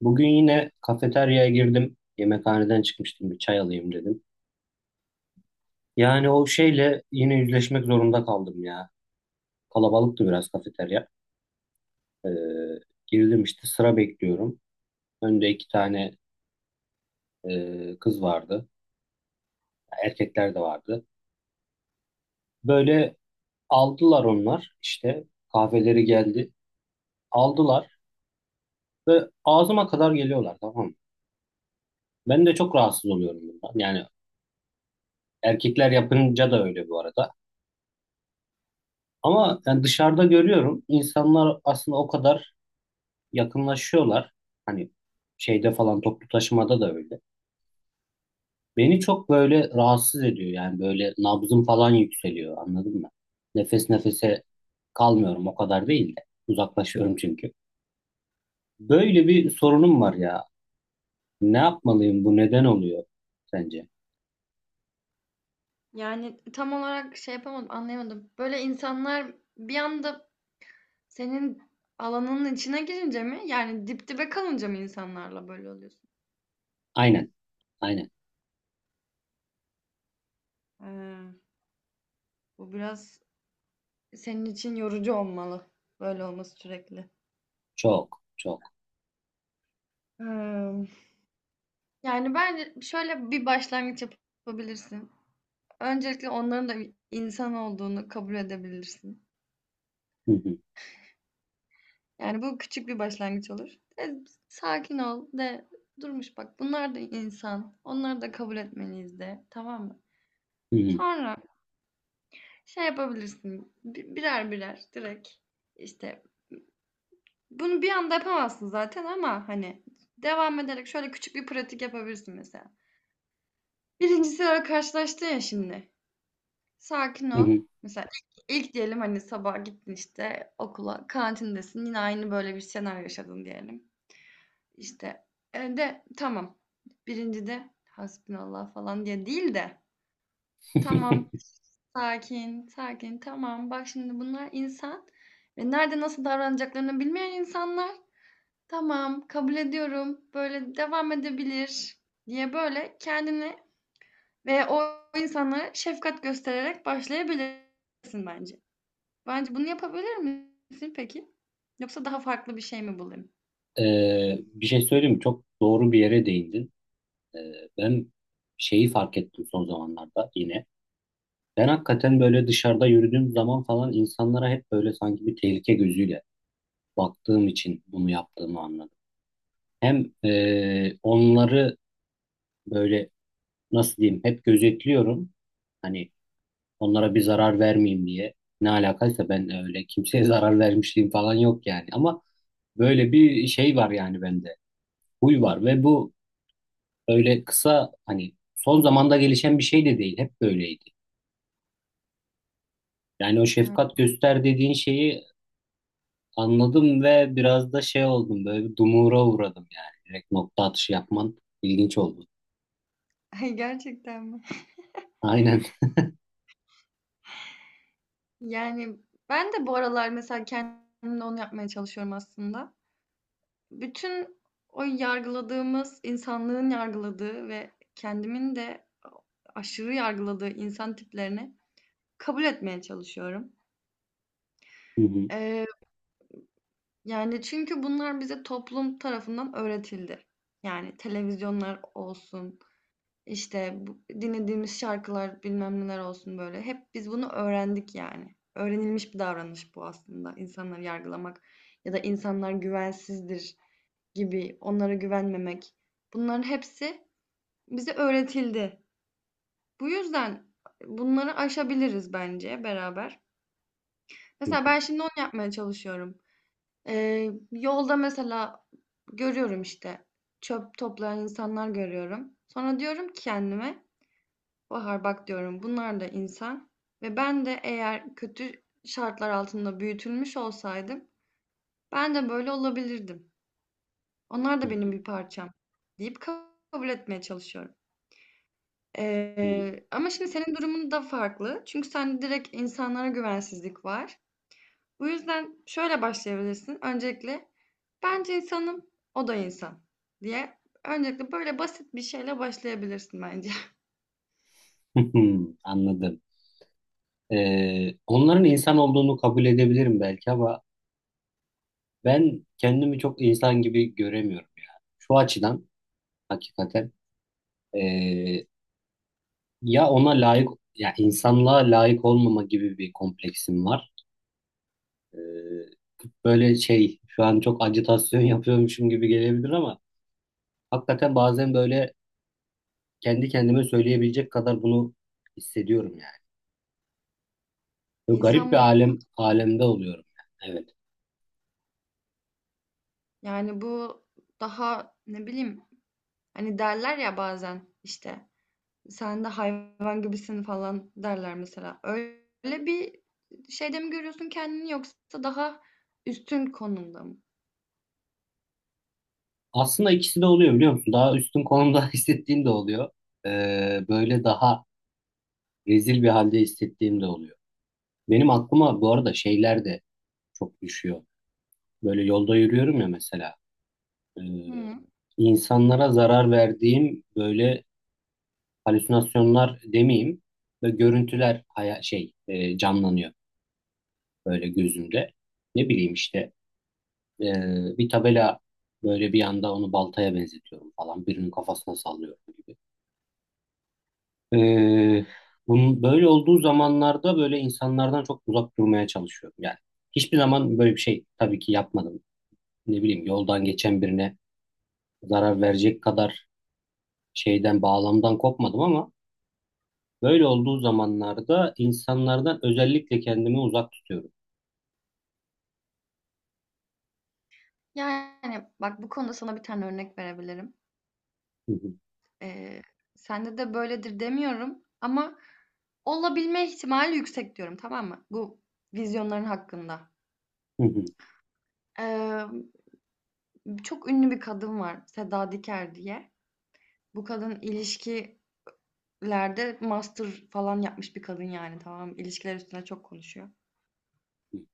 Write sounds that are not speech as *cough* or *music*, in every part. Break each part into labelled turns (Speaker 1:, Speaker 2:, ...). Speaker 1: Bugün yine kafeteryaya girdim. Yemekhaneden çıkmıştım. Bir çay alayım dedim. Yani o şeyle yine yüzleşmek zorunda kaldım ya. Kalabalıktı biraz kafeterya. Ee, girdim işte, sıra bekliyorum. Önde 2 tane kız vardı. Erkekler de vardı. Böyle aldılar onlar işte. Kahveleri geldi. Aldılar ve ağzıma kadar geliyorlar, tamam mı? Ben de çok rahatsız oluyorum bundan. Yani erkekler yapınca da öyle bu arada. Ama yani dışarıda görüyorum, insanlar aslında o kadar yakınlaşıyorlar. Hani şeyde falan, toplu taşımada da öyle. Beni çok böyle rahatsız ediyor, yani böyle nabzım falan yükseliyor, anladın mı? Nefes nefese kalmıyorum, o kadar değil de uzaklaşıyorum çünkü. Böyle bir sorunum var ya. Ne yapmalıyım, bu neden oluyor sence?
Speaker 2: Yani tam olarak şey yapamadım, anlayamadım. Böyle insanlar bir anda senin alanının içine girince mi? Yani dip dibe kalınca mı insanlarla böyle oluyorsun?
Speaker 1: Aynen. Aynen.
Speaker 2: Ee, Bu biraz senin için yorucu olmalı böyle olması sürekli.
Speaker 1: Çok çok.
Speaker 2: Hmm, Yani bence şöyle bir başlangıç yapabilirsin. Öncelikle onların da bir insan olduğunu kabul edebilirsin.
Speaker 1: Hı hı.
Speaker 2: Yani bu küçük bir başlangıç olur. E, Sakin ol de durmuş bak bunlar da insan. Onları da kabul etmeliyiz de tamam mı?
Speaker 1: Hı hı.
Speaker 2: Sonra şey yapabilirsin birer birer direkt işte bunu bir anda yapamazsın zaten ama hani devam ederek şöyle küçük bir pratik yapabilirsin mesela. Birincisi öyle karşılaştın ya şimdi. Sakin
Speaker 1: Hı
Speaker 2: ol.
Speaker 1: hı.
Speaker 2: Mesela ilk diyelim hani sabah gittin işte okula kantindesin yine aynı böyle bir senaryo yaşadın diyelim. İşte de tamam. 1.'de hasbinallah falan diye değil de tamam,
Speaker 1: *laughs*
Speaker 2: sakin, sakin, tamam. Bak şimdi bunlar insan ve nerede nasıl davranacaklarını bilmeyen insanlar. Tamam, kabul ediyorum. Böyle devam edebilir diye böyle kendini ve o insanlara şefkat göstererek başlayabilirsin bence. Bence bunu yapabilir misin peki? Yoksa daha farklı bir şey mi bulayım?
Speaker 1: Bir şey söyleyeyim mi? Çok doğru bir yere değindin. Ee, Ben şeyi fark ettim son zamanlarda yine. Ben hakikaten böyle dışarıda yürüdüğüm zaman falan insanlara hep böyle sanki bir tehlike gözüyle baktığım için bunu yaptığımı anladım. Hem onları böyle, nasıl diyeyim, hep gözetliyorum. Hani onlara bir zarar vermeyeyim diye. Ne alakaysa, ben öyle kimseye *laughs* zarar vermişliğim falan yok yani. Ama böyle bir şey var yani bende. Huy var ve bu öyle kısa, hani son zamanda gelişen bir şey de değil. Hep böyleydi. Yani o
Speaker 2: Hı.
Speaker 1: şefkat göster dediğin şeyi anladım ve biraz da şey oldum, böyle bir dumura uğradım yani. Direkt nokta atışı yapman ilginç oldu.
Speaker 2: *laughs* Gerçekten mi?
Speaker 1: Aynen.
Speaker 2: Yani ben de bu aralar mesela kendimle onu yapmaya çalışıyorum aslında. Bütün o yargıladığımız, insanlığın yargıladığı ve kendimin de aşırı yargıladığı insan tiplerini kabul etmeye çalışıyorum.
Speaker 1: *laughs* Hı hı,
Speaker 2: Eee, Yani çünkü bunlar bize toplum tarafından öğretildi. Yani televizyonlar olsun, İşte, bu dinlediğimiz şarkılar, bilmem neler olsun böyle. Hep biz bunu öğrendik yani. Öğrenilmiş bir davranış bu aslında. İnsanları yargılamak ya da insanlar güvensizdir gibi onlara güvenmemek. Bunların hepsi bize öğretildi. Bu yüzden bunları aşabiliriz bence beraber.
Speaker 1: hı
Speaker 2: Mesela
Speaker 1: hı,
Speaker 2: ben şimdi onu yapmaya çalışıyorum. Yolda mesela görüyorum işte çöp toplayan insanlar görüyorum. Sonra diyorum ki kendime Bahar bak diyorum bunlar da insan ve ben de eğer kötü şartlar altında büyütülmüş olsaydım ben de böyle olabilirdim. Onlar da benim bir parçam deyip kabul etmeye çalışıyorum.
Speaker 1: hı
Speaker 2: Ama şimdi senin durumun da farklı. Çünkü sende direkt insanlara güvensizlik var. Bu yüzden şöyle başlayabilirsin. Öncelikle bence insanım, o da insan diye. Öncelikle böyle basit bir şeyle başlayabilirsin bence.
Speaker 1: hı. *laughs* Anladım. Onların insan olduğunu kabul edebilirim belki ama ben kendimi çok insan gibi göremiyorum ya. Şu açıdan hakikaten ee, ya ona layık, ya insanlığa layık olmama gibi bir kompleksim var. Ee, Böyle şey şu an çok ajitasyon *laughs* yapıyormuşum gibi gelebilir ama hakikaten bazen böyle kendi kendime söyleyebilecek kadar bunu hissediyorum yani.
Speaker 2: *laughs*
Speaker 1: Böyle
Speaker 2: İnsan
Speaker 1: garip bir
Speaker 2: mı?
Speaker 1: alemde oluyorum yani. Evet.
Speaker 2: Yani bu daha ne bileyim hani derler ya bazen işte sen de hayvan gibisin falan derler mesela. Öyle bir şeyde mi görüyorsun kendini yoksa daha üstün konumda mı?
Speaker 1: Aslında ikisi de oluyor, biliyor musun? Daha üstün konumda *laughs* hissettiğim de oluyor. Böyle daha rezil bir halde hissettiğim de oluyor. Benim aklıma bu arada şeyler de çok düşüyor. Böyle yolda yürüyorum ya, mesela. Ee,
Speaker 2: Hımm.
Speaker 1: insanlara zarar verdiğim böyle, halüsinasyonlar demeyeyim, ve görüntüler canlanıyor böyle gözümde. Ne bileyim işte, e, bir tabela böyle, bir anda onu baltaya benzetiyorum falan, birinin kafasına sallıyorum gibi. E, Bunun böyle olduğu zamanlarda böyle insanlardan çok uzak durmaya çalışıyorum. Yani hiçbir zaman böyle bir şey tabii ki yapmadım. Ne bileyim, yoldan geçen birine zarar verecek kadar şeyden, bağlamdan kopmadım ama böyle olduğu zamanlarda insanlardan özellikle kendimi uzak tutuyorum.
Speaker 2: Yani bak bu konuda sana bir tane örnek verebilirim.
Speaker 1: Hı hı,
Speaker 2: Eee, Sende de böyledir demiyorum ama olabilme ihtimali yüksek diyorum, tamam mı? Bu vizyonların hakkında.
Speaker 1: hı hı,
Speaker 2: Emm, Çok ünlü bir kadın var, Seda Diker diye. Bu kadın ilişki lerde master falan yapmış bir kadın, yani tamam, ilişkiler üstüne çok konuşuyor.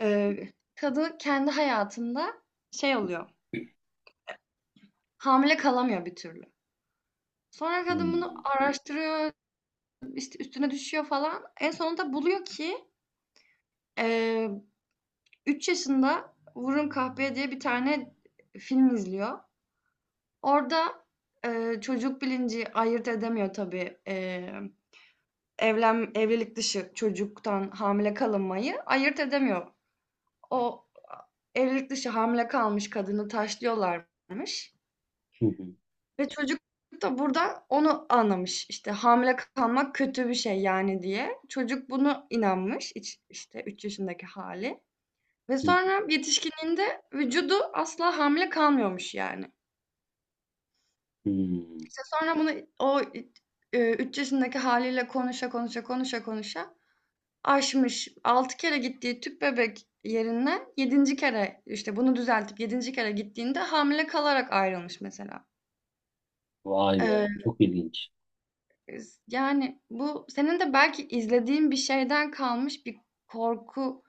Speaker 2: Ee, Kadın kendi hayatında şey oluyor. Hamile kalamıyor bir türlü. Sonra
Speaker 1: hı
Speaker 2: kadın bunu
Speaker 1: hı,
Speaker 2: araştırıyor, işte üstüne düşüyor falan. En sonunda buluyor ki e, 3 yaşında Vurun Kahpeye diye bir tane film izliyor. Orada çocuk bilinci ayırt edemiyor tabii. E, evlen evlilik dışı çocuktan hamile kalınmayı ayırt edemiyor. O evlilik dışı hamile kalmış kadını taşlıyorlarmış
Speaker 1: hı hı,
Speaker 2: ve çocuk da burada onu anlamış. İşte hamile kalmak kötü bir şey yani diye. Çocuk bunu inanmış, işte 3 yaşındaki hali ve
Speaker 1: hı hı,
Speaker 2: sonra yetişkinliğinde vücudu asla hamile kalmıyormuş yani.
Speaker 1: hı. Hı.
Speaker 2: İşte sonra bunu o, 3 yaşındaki haliyle konuşa, konuşa, konuşa, konuşa aşmış. 6 kere gittiği tüp bebek yerinden yedinci kere, işte, bunu düzeltip yedinci kere gittiğinde hamile kalarak ayrılmış mesela.
Speaker 1: Vay be,
Speaker 2: Eee,
Speaker 1: çok ilginç.
Speaker 2: Yani, bu senin de belki izlediğin bir şeyden kalmış bir korku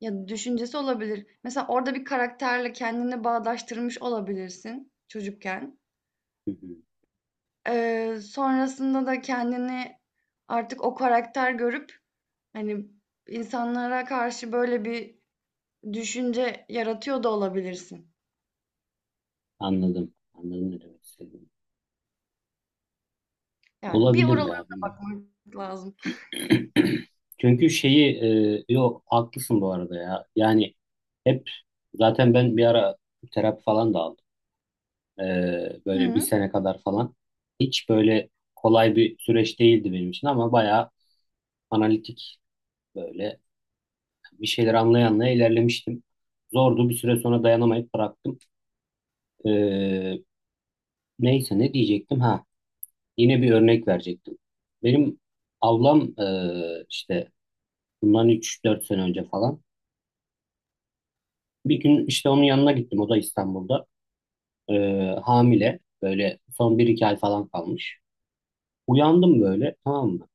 Speaker 2: ya da düşüncesi olabilir. Mesela orada bir karakterle kendini bağdaştırmış olabilirsin çocukken.
Speaker 1: Hı hı.
Speaker 2: Sonrasında da kendini artık o karakter görüp, hani, insanlara karşı böyle bir düşünce yaratıyor da olabilirsin.
Speaker 1: Anladım, anladım ne demek istediğini.
Speaker 2: Yani bir
Speaker 1: Olabilir
Speaker 2: oralara
Speaker 1: ya, bilmiyorum.
Speaker 2: bakmak lazım.
Speaker 1: *clears throat* Çünkü yok, haklısın bu arada ya. Yani hep, zaten ben bir ara terapi falan da aldım. E,
Speaker 2: Hı
Speaker 1: Böyle bir
Speaker 2: hı.
Speaker 1: sene kadar falan. Hiç böyle kolay bir süreç değildi benim için ama bayağı analitik, böyle bir şeyler anlaya anlaya ilerlemiştim. Zordu, bir süre sonra dayanamayıp bıraktım. Ee, Neyse, ne diyecektim, ha, yine bir örnek verecektim. Benim ablam işte bundan 3-4 sene önce falan bir gün, işte, onun yanına gittim, o da İstanbul'da. Hamile, böyle son bir iki ay falan kalmış. Uyandım böyle, tamam mı?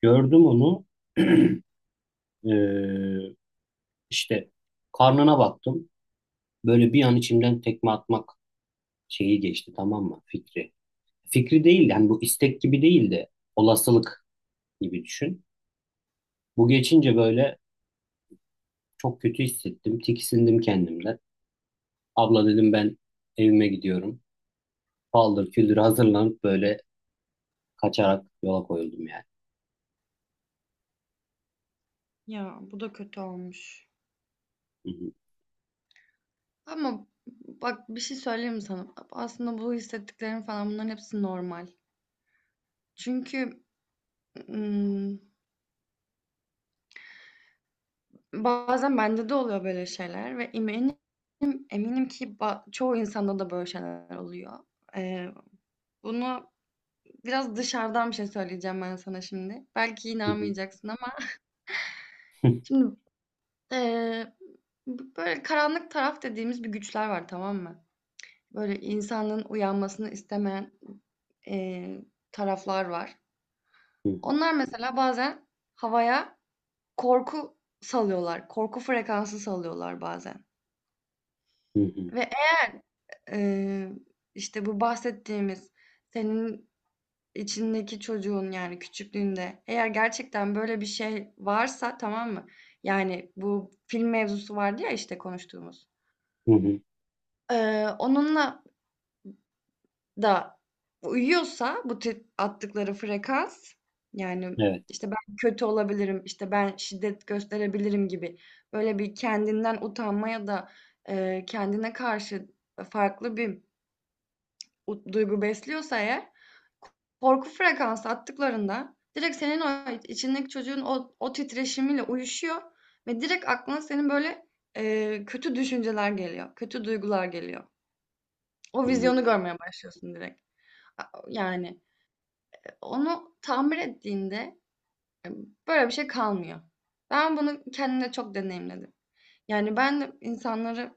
Speaker 1: Gördüm onu. *clears throat* Ee, işte karnına baktım, böyle bir an içimden tekme atmak şeyi geçti, tamam mı, fikri. Fikri değil yani, bu istek gibi değil de olasılık gibi düşün. Bu geçince böyle çok kötü hissettim. Tiksindim kendimden. Abla dedim, ben evime gidiyorum. Paldır küldür hazırlanıp böyle kaçarak yola koyuldum yani.
Speaker 2: Ya bu da kötü olmuş.
Speaker 1: Hı hı,
Speaker 2: Ama bak bir şey söyleyeyim mi sana? Aslında bu hissettiklerim falan bunların hepsi normal. Çünkü ım, bazen bende de oluyor böyle şeyler ve eminim ki çoğu insanda da böyle şeyler oluyor. Ee, Bunu biraz dışarıdan bir şey söyleyeceğim ben sana şimdi. Belki
Speaker 1: hı
Speaker 2: inanmayacaksın ama şimdi Eee, böyle karanlık taraf dediğimiz bir güçler var, tamam mı? Böyle insanın uyanmasını istemeyen, eee, taraflar var.
Speaker 1: hı,
Speaker 2: Onlar mesela bazen havaya korku salıyorlar, korku frekansı salıyorlar bazen
Speaker 1: hı hı,
Speaker 2: ve eğer, eee, işte bu bahsettiğimiz senin içindeki çocuğun, yani küçüklüğünde eğer gerçekten böyle bir şey varsa, tamam mı? Yani bu film mevzusu vardı ya, işte, konuştuğumuz.
Speaker 1: hı hı,
Speaker 2: Onunla da uyuyorsa bu tip attıkları frekans, yani,
Speaker 1: Evet.
Speaker 2: işte, ben kötü olabilirim, işte, ben şiddet gösterebilirim gibi böyle bir kendinden utanma ya da, kendine karşı farklı bir duygu besliyorsa eğer, korku frekansı attıklarında direkt senin o içindeki çocuğun o titreşimiyle uyuşuyor ve direkt aklına senin böyle, kötü düşünceler geliyor, kötü duygular geliyor. O
Speaker 1: Hı hı.
Speaker 2: vizyonu
Speaker 1: Evet.
Speaker 2: görmeye başlıyorsun direkt. A yani. Onu tamir ettiğinde e, böyle bir şey kalmıyor. Ben bunu kendimde çok deneyimledim. Yani ben de insanları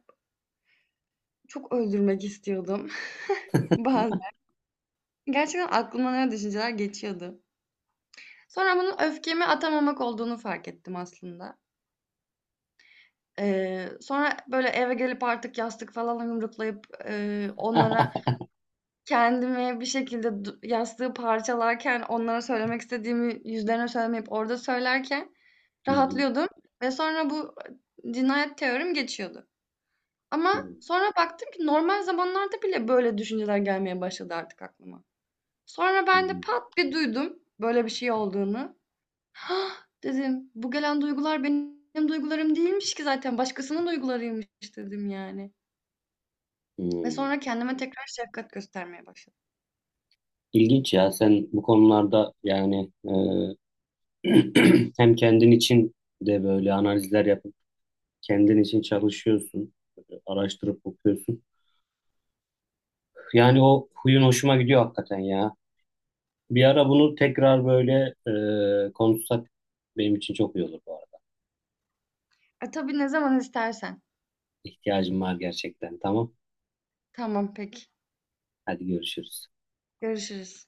Speaker 2: çok öldürmek istiyordum *laughs* bazen. Gerçekten aklımdan öyle düşünceler geçiyordu. Sonra bunun öfkemi atamamak olduğunu fark ettim aslında. Sonra böyle eve gelip artık yastık falan yumruklayıp
Speaker 1: Hı.
Speaker 2: onlara
Speaker 1: *laughs*
Speaker 2: kendimi bir şekilde yastığı parçalarken, onlara söylemek istediğimi yüzlerine söylemeyip orada söylerken
Speaker 1: Hı hı,
Speaker 2: rahatlıyordum ve sonra bu, cinayet teorim geçiyordu.
Speaker 1: hı
Speaker 2: Ama sonra baktım ki normal zamanlarda bile böyle düşünceler gelmeye başladı artık aklıma. Sonra
Speaker 1: hı,
Speaker 2: ben de pat bir duydum böyle bir şey olduğunu. "Hah!" dedim. "Bu gelen duygular benim duygularım değilmiş ki zaten başkasının duygularıymış." dedim yani.
Speaker 1: hı
Speaker 2: Ve
Speaker 1: hı.
Speaker 2: sonra kendime tekrar şefkat göstermeye başladım.
Speaker 1: İlginç ya, sen bu konularda yani *clears throat* hem kendin için de böyle analizler yapıp kendin için çalışıyorsun, araştırıp okuyorsun. Yani o huyun hoşuma gidiyor hakikaten ya. Bir ara bunu tekrar böyle konuşsak benim için çok iyi olur bu arada.
Speaker 2: Tabii ne zaman istersen.
Speaker 1: İhtiyacım var gerçekten. Tamam.
Speaker 2: Tamam, peki.
Speaker 1: Hadi görüşürüz.
Speaker 2: Görüşürüz.